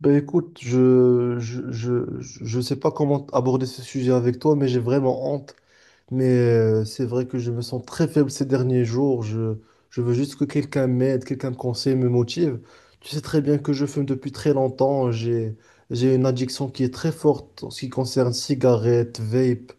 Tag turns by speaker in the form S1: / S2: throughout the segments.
S1: Ben écoute, je sais pas comment aborder ce sujet avec toi, mais j'ai vraiment honte mais c'est vrai que je me sens très faible ces derniers jours. Je veux juste que quelqu'un m'aide, quelqu'un me conseille, me motive. Tu sais très bien que je fume depuis très longtemps. J'ai une addiction qui est très forte en ce qui concerne cigarettes, vape.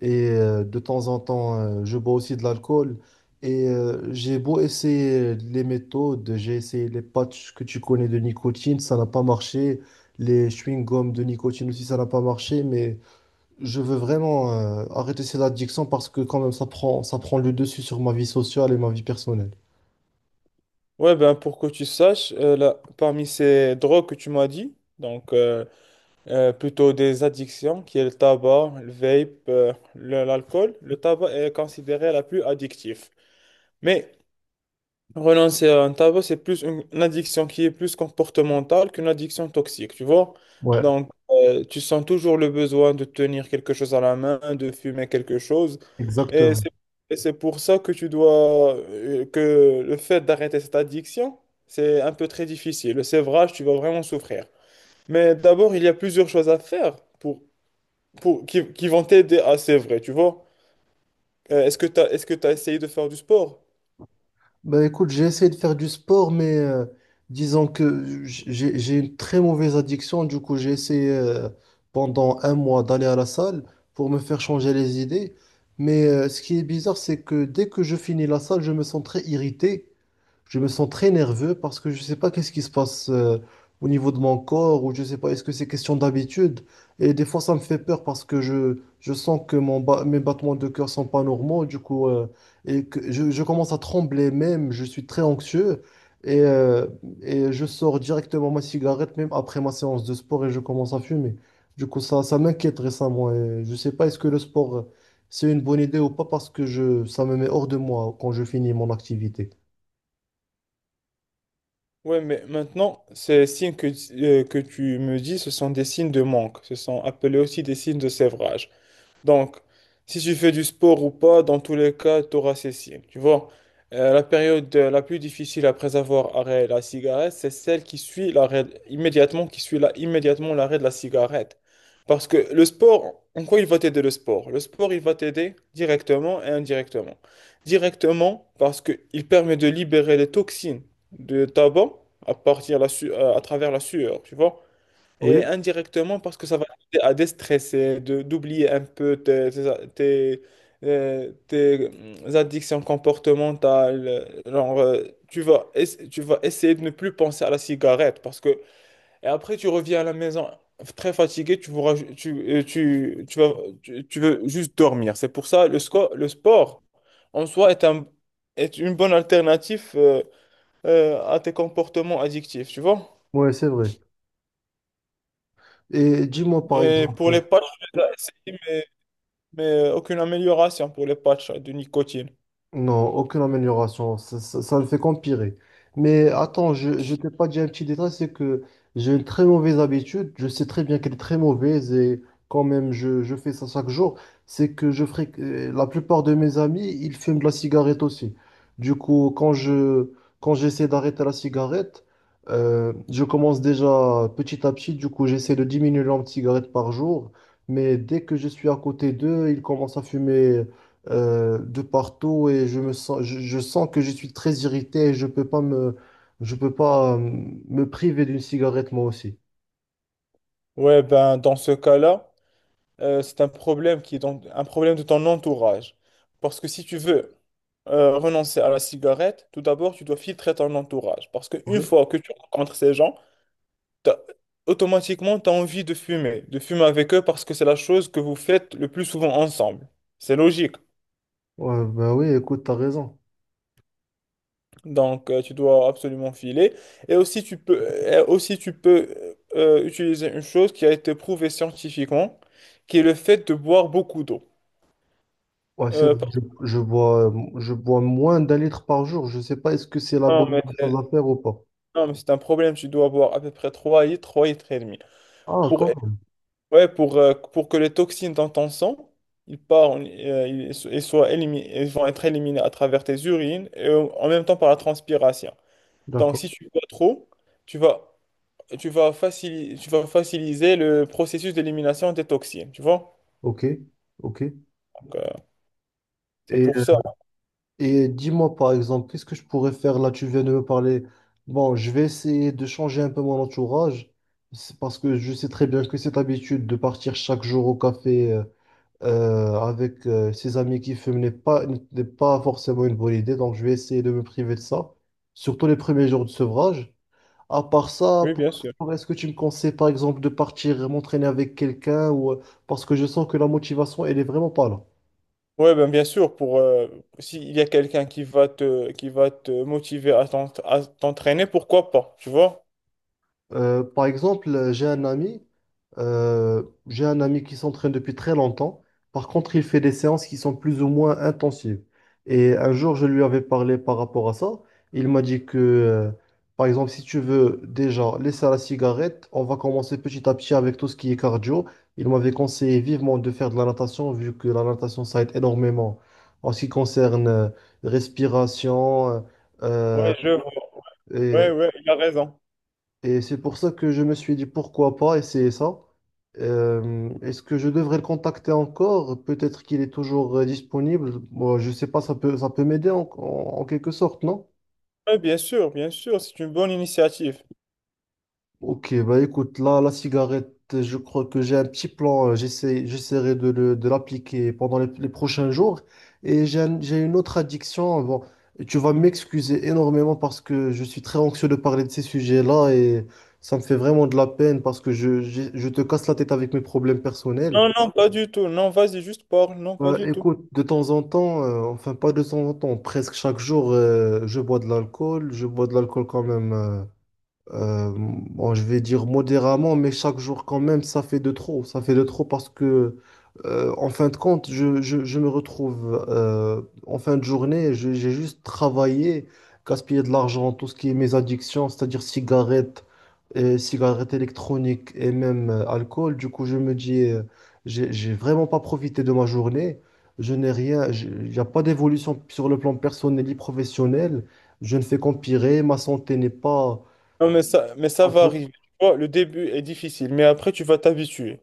S1: Et de temps en temps, je bois aussi de l'alcool. Et j'ai beau essayer les méthodes, j'ai essayé les patchs que tu connais de nicotine, ça n'a pas marché. Les chewing-gums de nicotine aussi, ça n'a pas marché. Mais je veux vraiment arrêter cette addiction parce que quand même ça prend le dessus sur ma vie sociale et ma vie personnelle.
S2: Ouais, ben pour que tu saches, là, parmi ces drogues que tu m'as dit, donc plutôt des addictions, qui est le tabac, le vape, l'alcool, le tabac est considéré la plus addictive. Mais renoncer à un tabac, c'est plus une addiction qui est plus comportementale qu'une addiction toxique, tu vois.
S1: Ouais,
S2: Donc, tu sens toujours le besoin de tenir quelque chose à la main, de fumer quelque chose. Et
S1: exactement.
S2: c'est et c'est pour ça que le fait d'arrêter cette addiction, c'est un peu très difficile. Le sévrage, tu vas vraiment souffrir. Mais d'abord, il y a plusieurs choses à faire qui vont t'aider à sévrer, tu vois. Est-ce que tu essayé de faire du sport?
S1: Bah écoute, j'ai essayé de faire du sport, mais disons que j'ai une très mauvaise addiction. Du coup, j'ai essayé pendant un mois d'aller à la salle pour me faire changer les idées. Mais ce qui est bizarre, c'est que dès que je finis la salle, je me sens très irrité. Je me sens très nerveux parce que je ne sais pas qu'est-ce qui se passe au niveau de mon corps ou je ne sais pas, est-ce que c'est question d'habitude? Et des fois, ça me fait peur parce que je sens que mes battements de cœur sont pas normaux, du coup, et que je commence à trembler même, je suis très anxieux et, euh, et je sors directement ma cigarette même après ma séance de sport et je commence à fumer. Du coup, ça m'inquiète récemment et je ne sais pas, est-ce que le sport, c'est une bonne idée ou pas parce que ça me met hors de moi quand je finis mon activité.
S2: Ouais, mais maintenant, ces signes que tu me dis, ce sont des signes de manque. Ce sont appelés aussi des signes de sévrage. Donc, si tu fais du sport ou pas, dans tous les cas, tu auras cessé. Tu vois, la plus difficile après avoir arrêté la cigarette, c'est celle qui suit l'arrêt immédiatement, qui suit là, immédiatement l'arrêt de la cigarette. Parce que le sport, en quoi il va t'aider le sport? Le sport, il va t'aider directement et indirectement. Directement, parce qu'il permet de libérer les toxines de tabac à travers la sueur, tu vois.
S1: Oui.
S2: Et indirectement, parce que ça va t'aider à déstresser, d'oublier un peu tes addictions comportementales. Genre, tu vas essayer de ne plus penser à la cigarette et après, tu reviens à la maison très fatigué, tu, voudras ju- tu, tu, tu vas, tu veux juste dormir. C'est pour ça le sport en soi est une bonne alternative à tes comportements addictifs, tu vois?
S1: Ouais, c'est vrai. Et dis-moi par
S2: Et pour
S1: exemple,
S2: les pas, mais aucune amélioration pour les patchs de nicotine.
S1: non, aucune amélioration. Ça ne fait qu'empirer. Mais attends, je t'ai pas dit un petit détail, c'est que j'ai une très mauvaise habitude. Je sais très bien qu'elle est très mauvaise et quand même, je fais ça chaque jour. C'est que je ferai, la plupart de mes amis, ils fument de la cigarette aussi. Du coup, quand j'essaie d'arrêter la cigarette, je commence déjà petit à petit. Du coup, j'essaie de diminuer le nombre de cigarettes par jour. Mais dès que je suis à côté d'eux, ils commencent à fumer de partout et je sens que je suis très irrité et je peux pas me priver d'une cigarette moi aussi.
S2: Ouais, ben dans ce cas-là, c'est un problème qui est donc un problème de ton entourage. Parce que si tu veux renoncer à la cigarette, tout d'abord, tu dois filtrer ton entourage. Parce qu'une
S1: Oui.
S2: fois que tu rencontres ces gens, t'as- automatiquement, tu as envie de fumer avec eux parce que c'est la chose que vous faites le plus souvent ensemble. C'est logique.
S1: Ouais, bah oui, écoute, t'as raison.
S2: Donc, tu dois absolument filer. Et aussi, tu peux utiliser une chose qui a été prouvée scientifiquement, qui est le fait de boire beaucoup d'eau.
S1: Ouais, c'est
S2: Euh,
S1: vrai,
S2: par-
S1: je bois moins d'un litre par jour. Je sais pas est-ce que c'est la
S2: non,
S1: bonne
S2: c'est
S1: chose à faire ou pas.
S2: non, mais c'est un problème. Tu dois boire à peu près 3 litres, 3 litres et demi.
S1: Ah,
S2: Pour,
S1: quand même.
S2: ouais, pour que les toxines dans ton sang, ils partent, ils, so- ils soient élimi- ils vont être éliminés à travers tes urines et en en même temps par la transpiration. Donc,
S1: D'accord.
S2: si tu bois trop, tu vas tu vas faciliter le processus d'élimination des toxines, tu vois?
S1: Ok. Ok.
S2: Donc, c'est
S1: Et
S2: pour ça.
S1: Et dis-moi par exemple, qu'est-ce que je pourrais faire là? Tu viens de me parler. Bon, je vais essayer de changer un peu mon entourage. C'est parce que je sais très bien que cette habitude de partir chaque jour au café avec ses amis qui fument n'est pas forcément une bonne idée. Donc, je vais essayer de me priver de ça, surtout les premiers jours de sevrage. À part ça,
S2: Oui, bien sûr.
S1: est-ce que tu me conseilles par exemple de partir m'entraîner avec quelqu'un ou parce que je sens que la motivation, elle est vraiment pas là.
S2: Oui, ben, bien sûr, pour s'il y a quelqu'un qui va te motiver à t'entraîner, pourquoi pas, tu vois?
S1: Par exemple, j'ai un ami qui s'entraîne depuis très longtemps. Par contre, il fait des séances qui sont plus ou moins intensives. Et un jour, je lui avais parlé par rapport à ça. Il m'a dit que, par exemple, si tu veux déjà laisser la cigarette, on va commencer petit à petit avec tout ce qui est cardio. Il m'avait conseillé vivement de faire de la natation, vu que la natation, ça aide énormément en ce qui concerne respiration.
S2: Oui, je vois. Oui,
S1: euh,
S2: oui, il a raison.
S1: et c'est pour ça que je me suis dit pourquoi pas essayer ça. Est-ce que je devrais le contacter encore? Peut-être qu'il est toujours disponible. Moi, je sais pas, ça peut m'aider en quelque sorte, non?
S2: Oui, bien sûr, c'est une bonne initiative.
S1: Ok, bah écoute, là, la cigarette, je crois que j'ai un petit plan. J'essaierai de l'appliquer pendant les prochains jours. Et j'ai une autre addiction. Bon, tu vas m'excuser énormément parce que je suis très anxieux de parler de ces sujets-là et ça me fait vraiment de la peine parce que je te casse la tête avec mes problèmes personnels.
S2: Non, non, pas du tout. Non, vas-y, juste parle. Non, pas
S1: Bah,
S2: du tout.
S1: écoute, de temps en temps, enfin pas de temps en temps, presque chaque jour, je bois de l'alcool. Je bois de l'alcool quand même. Bon, je vais dire modérément, mais chaque jour quand même, ça fait de trop. Ça fait de trop parce que, en fin de compte, je me retrouve en fin de journée, j'ai juste travaillé, gaspillé de l'argent, tout ce qui est mes addictions, c'est-à-dire cigarettes, et cigarettes électroniques et même alcool. Du coup, je me dis, j'ai vraiment pas profité de ma journée. Je n'ai rien, j'ai- Il n'y a pas d'évolution sur le plan personnel et professionnel. Je ne fais qu'empirer, ma santé n'est pas…
S2: Non, mais ça va arriver. Tu vois, le début est difficile, mais après, tu vas t'habituer.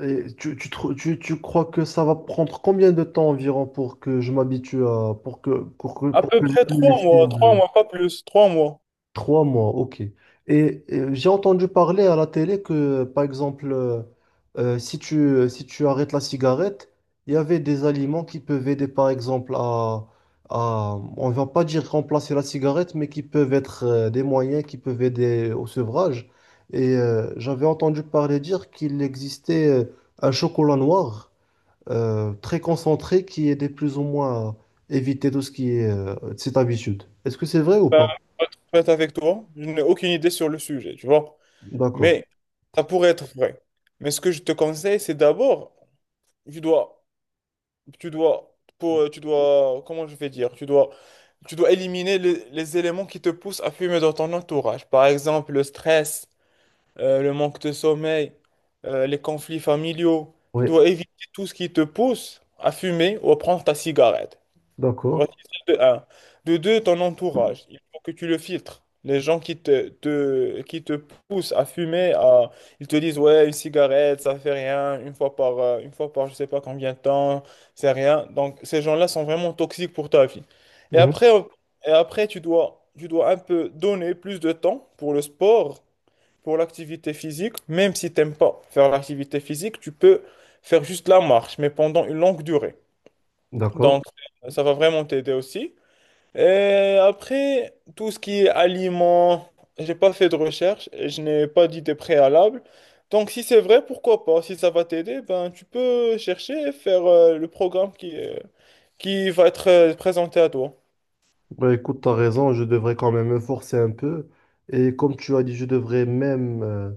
S1: Et tu crois que ça va prendre combien de temps environ pour que je m'habitue à
S2: À
S1: pour
S2: peu
S1: que j'ai
S2: près
S1: plus les
S2: 3 mois,
S1: signes
S2: trois
S1: de-
S2: mois, pas plus, 3 mois.
S1: trois mois, ok. Et, j'ai entendu parler à la télé que, par exemple, si si tu arrêtes la cigarette, il y avait des aliments qui peuvent aider, par exemple, on va pas dire remplacer la cigarette, mais qui peuvent être des moyens qui peuvent aider au sevrage. Et j'avais entendu parler dire qu'il existait un chocolat noir très concentré qui aidait plus ou moins à éviter tout ce qui est cette habitude. Est-ce que c'est vrai ou pas?
S2: Honnête avec toi, je n'ai aucune idée sur le sujet, tu vois.
S1: D'accord.
S2: Mais ça pourrait être vrai. Mais ce que je te conseille, c'est d'abord, tu dois, tu dois, pour, tu dois, comment je vais dire, tu dois éliminer les éléments qui te poussent à fumer dans ton entourage. Par exemple, le stress, le manque de sommeil, les conflits familiaux. Tu
S1: Oui.
S2: dois éviter tout ce qui te pousse à fumer ou à prendre ta cigarette.
S1: D'accord,
S2: Voici celle de un. De deux, ton entourage. Il faut que tu le filtres. Les gens qui te poussent à fumer, ils te disent, ouais, une cigarette, ça fait rien, une fois par je sais pas combien de temps, c'est rien. Donc, ces gens-là sont vraiment toxiques pour ta vie. Et
S1: mhm,
S2: après, tu dois un peu donner plus de temps pour le sport, pour l'activité physique. Même si t'aimes pas faire l'activité physique, tu peux faire juste la marche, mais pendant une longue durée.
S1: d'accord.
S2: Donc, ça va vraiment t'aider aussi. Et après, tout ce qui est aliments, j'ai pas fait de recherche, et je n'ai pas d'idée préalable. Donc, si c'est vrai, pourquoi pas? Si ça va t'aider, ben, tu peux chercher et faire le programme qui va être présenté à toi.
S1: Bah, écoute, tu as raison, je devrais quand même me forcer un peu. Et comme tu as dit, je devrais même euh,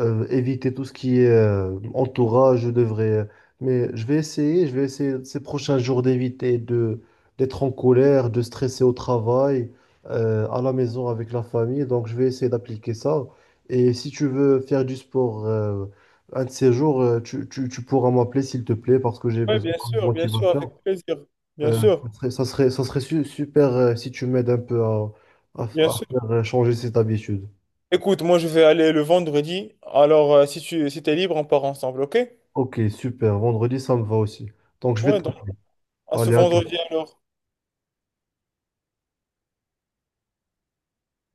S1: euh, éviter tout ce qui est entourage, je devrais… Mais je vais essayer ces prochains jours d'éviter de d'être en colère, de stresser au travail, à la maison avec la famille. Donc, je vais essayer d'appliquer ça. Et si tu veux faire du sport un de ces jours, tu pourras m'appeler, s'il te plaît, parce que j'ai
S2: Oui,
S1: besoin de
S2: bien sûr,
S1: motivation.
S2: avec plaisir. Bien
S1: Euh,
S2: sûr,
S1: ça serait super si tu m'aides un peu
S2: bien
S1: à
S2: sûr.
S1: faire changer cette habitude.
S2: Écoute, moi, je vais aller le vendredi. Alors, si t'es libre, on part ensemble, ok?
S1: Ok, super. Vendredi, ça me va aussi. Donc, je vais
S2: Ouais, donc,
S1: t'appeler.
S2: à ce
S1: Allez, à tout.
S2: vendredi alors.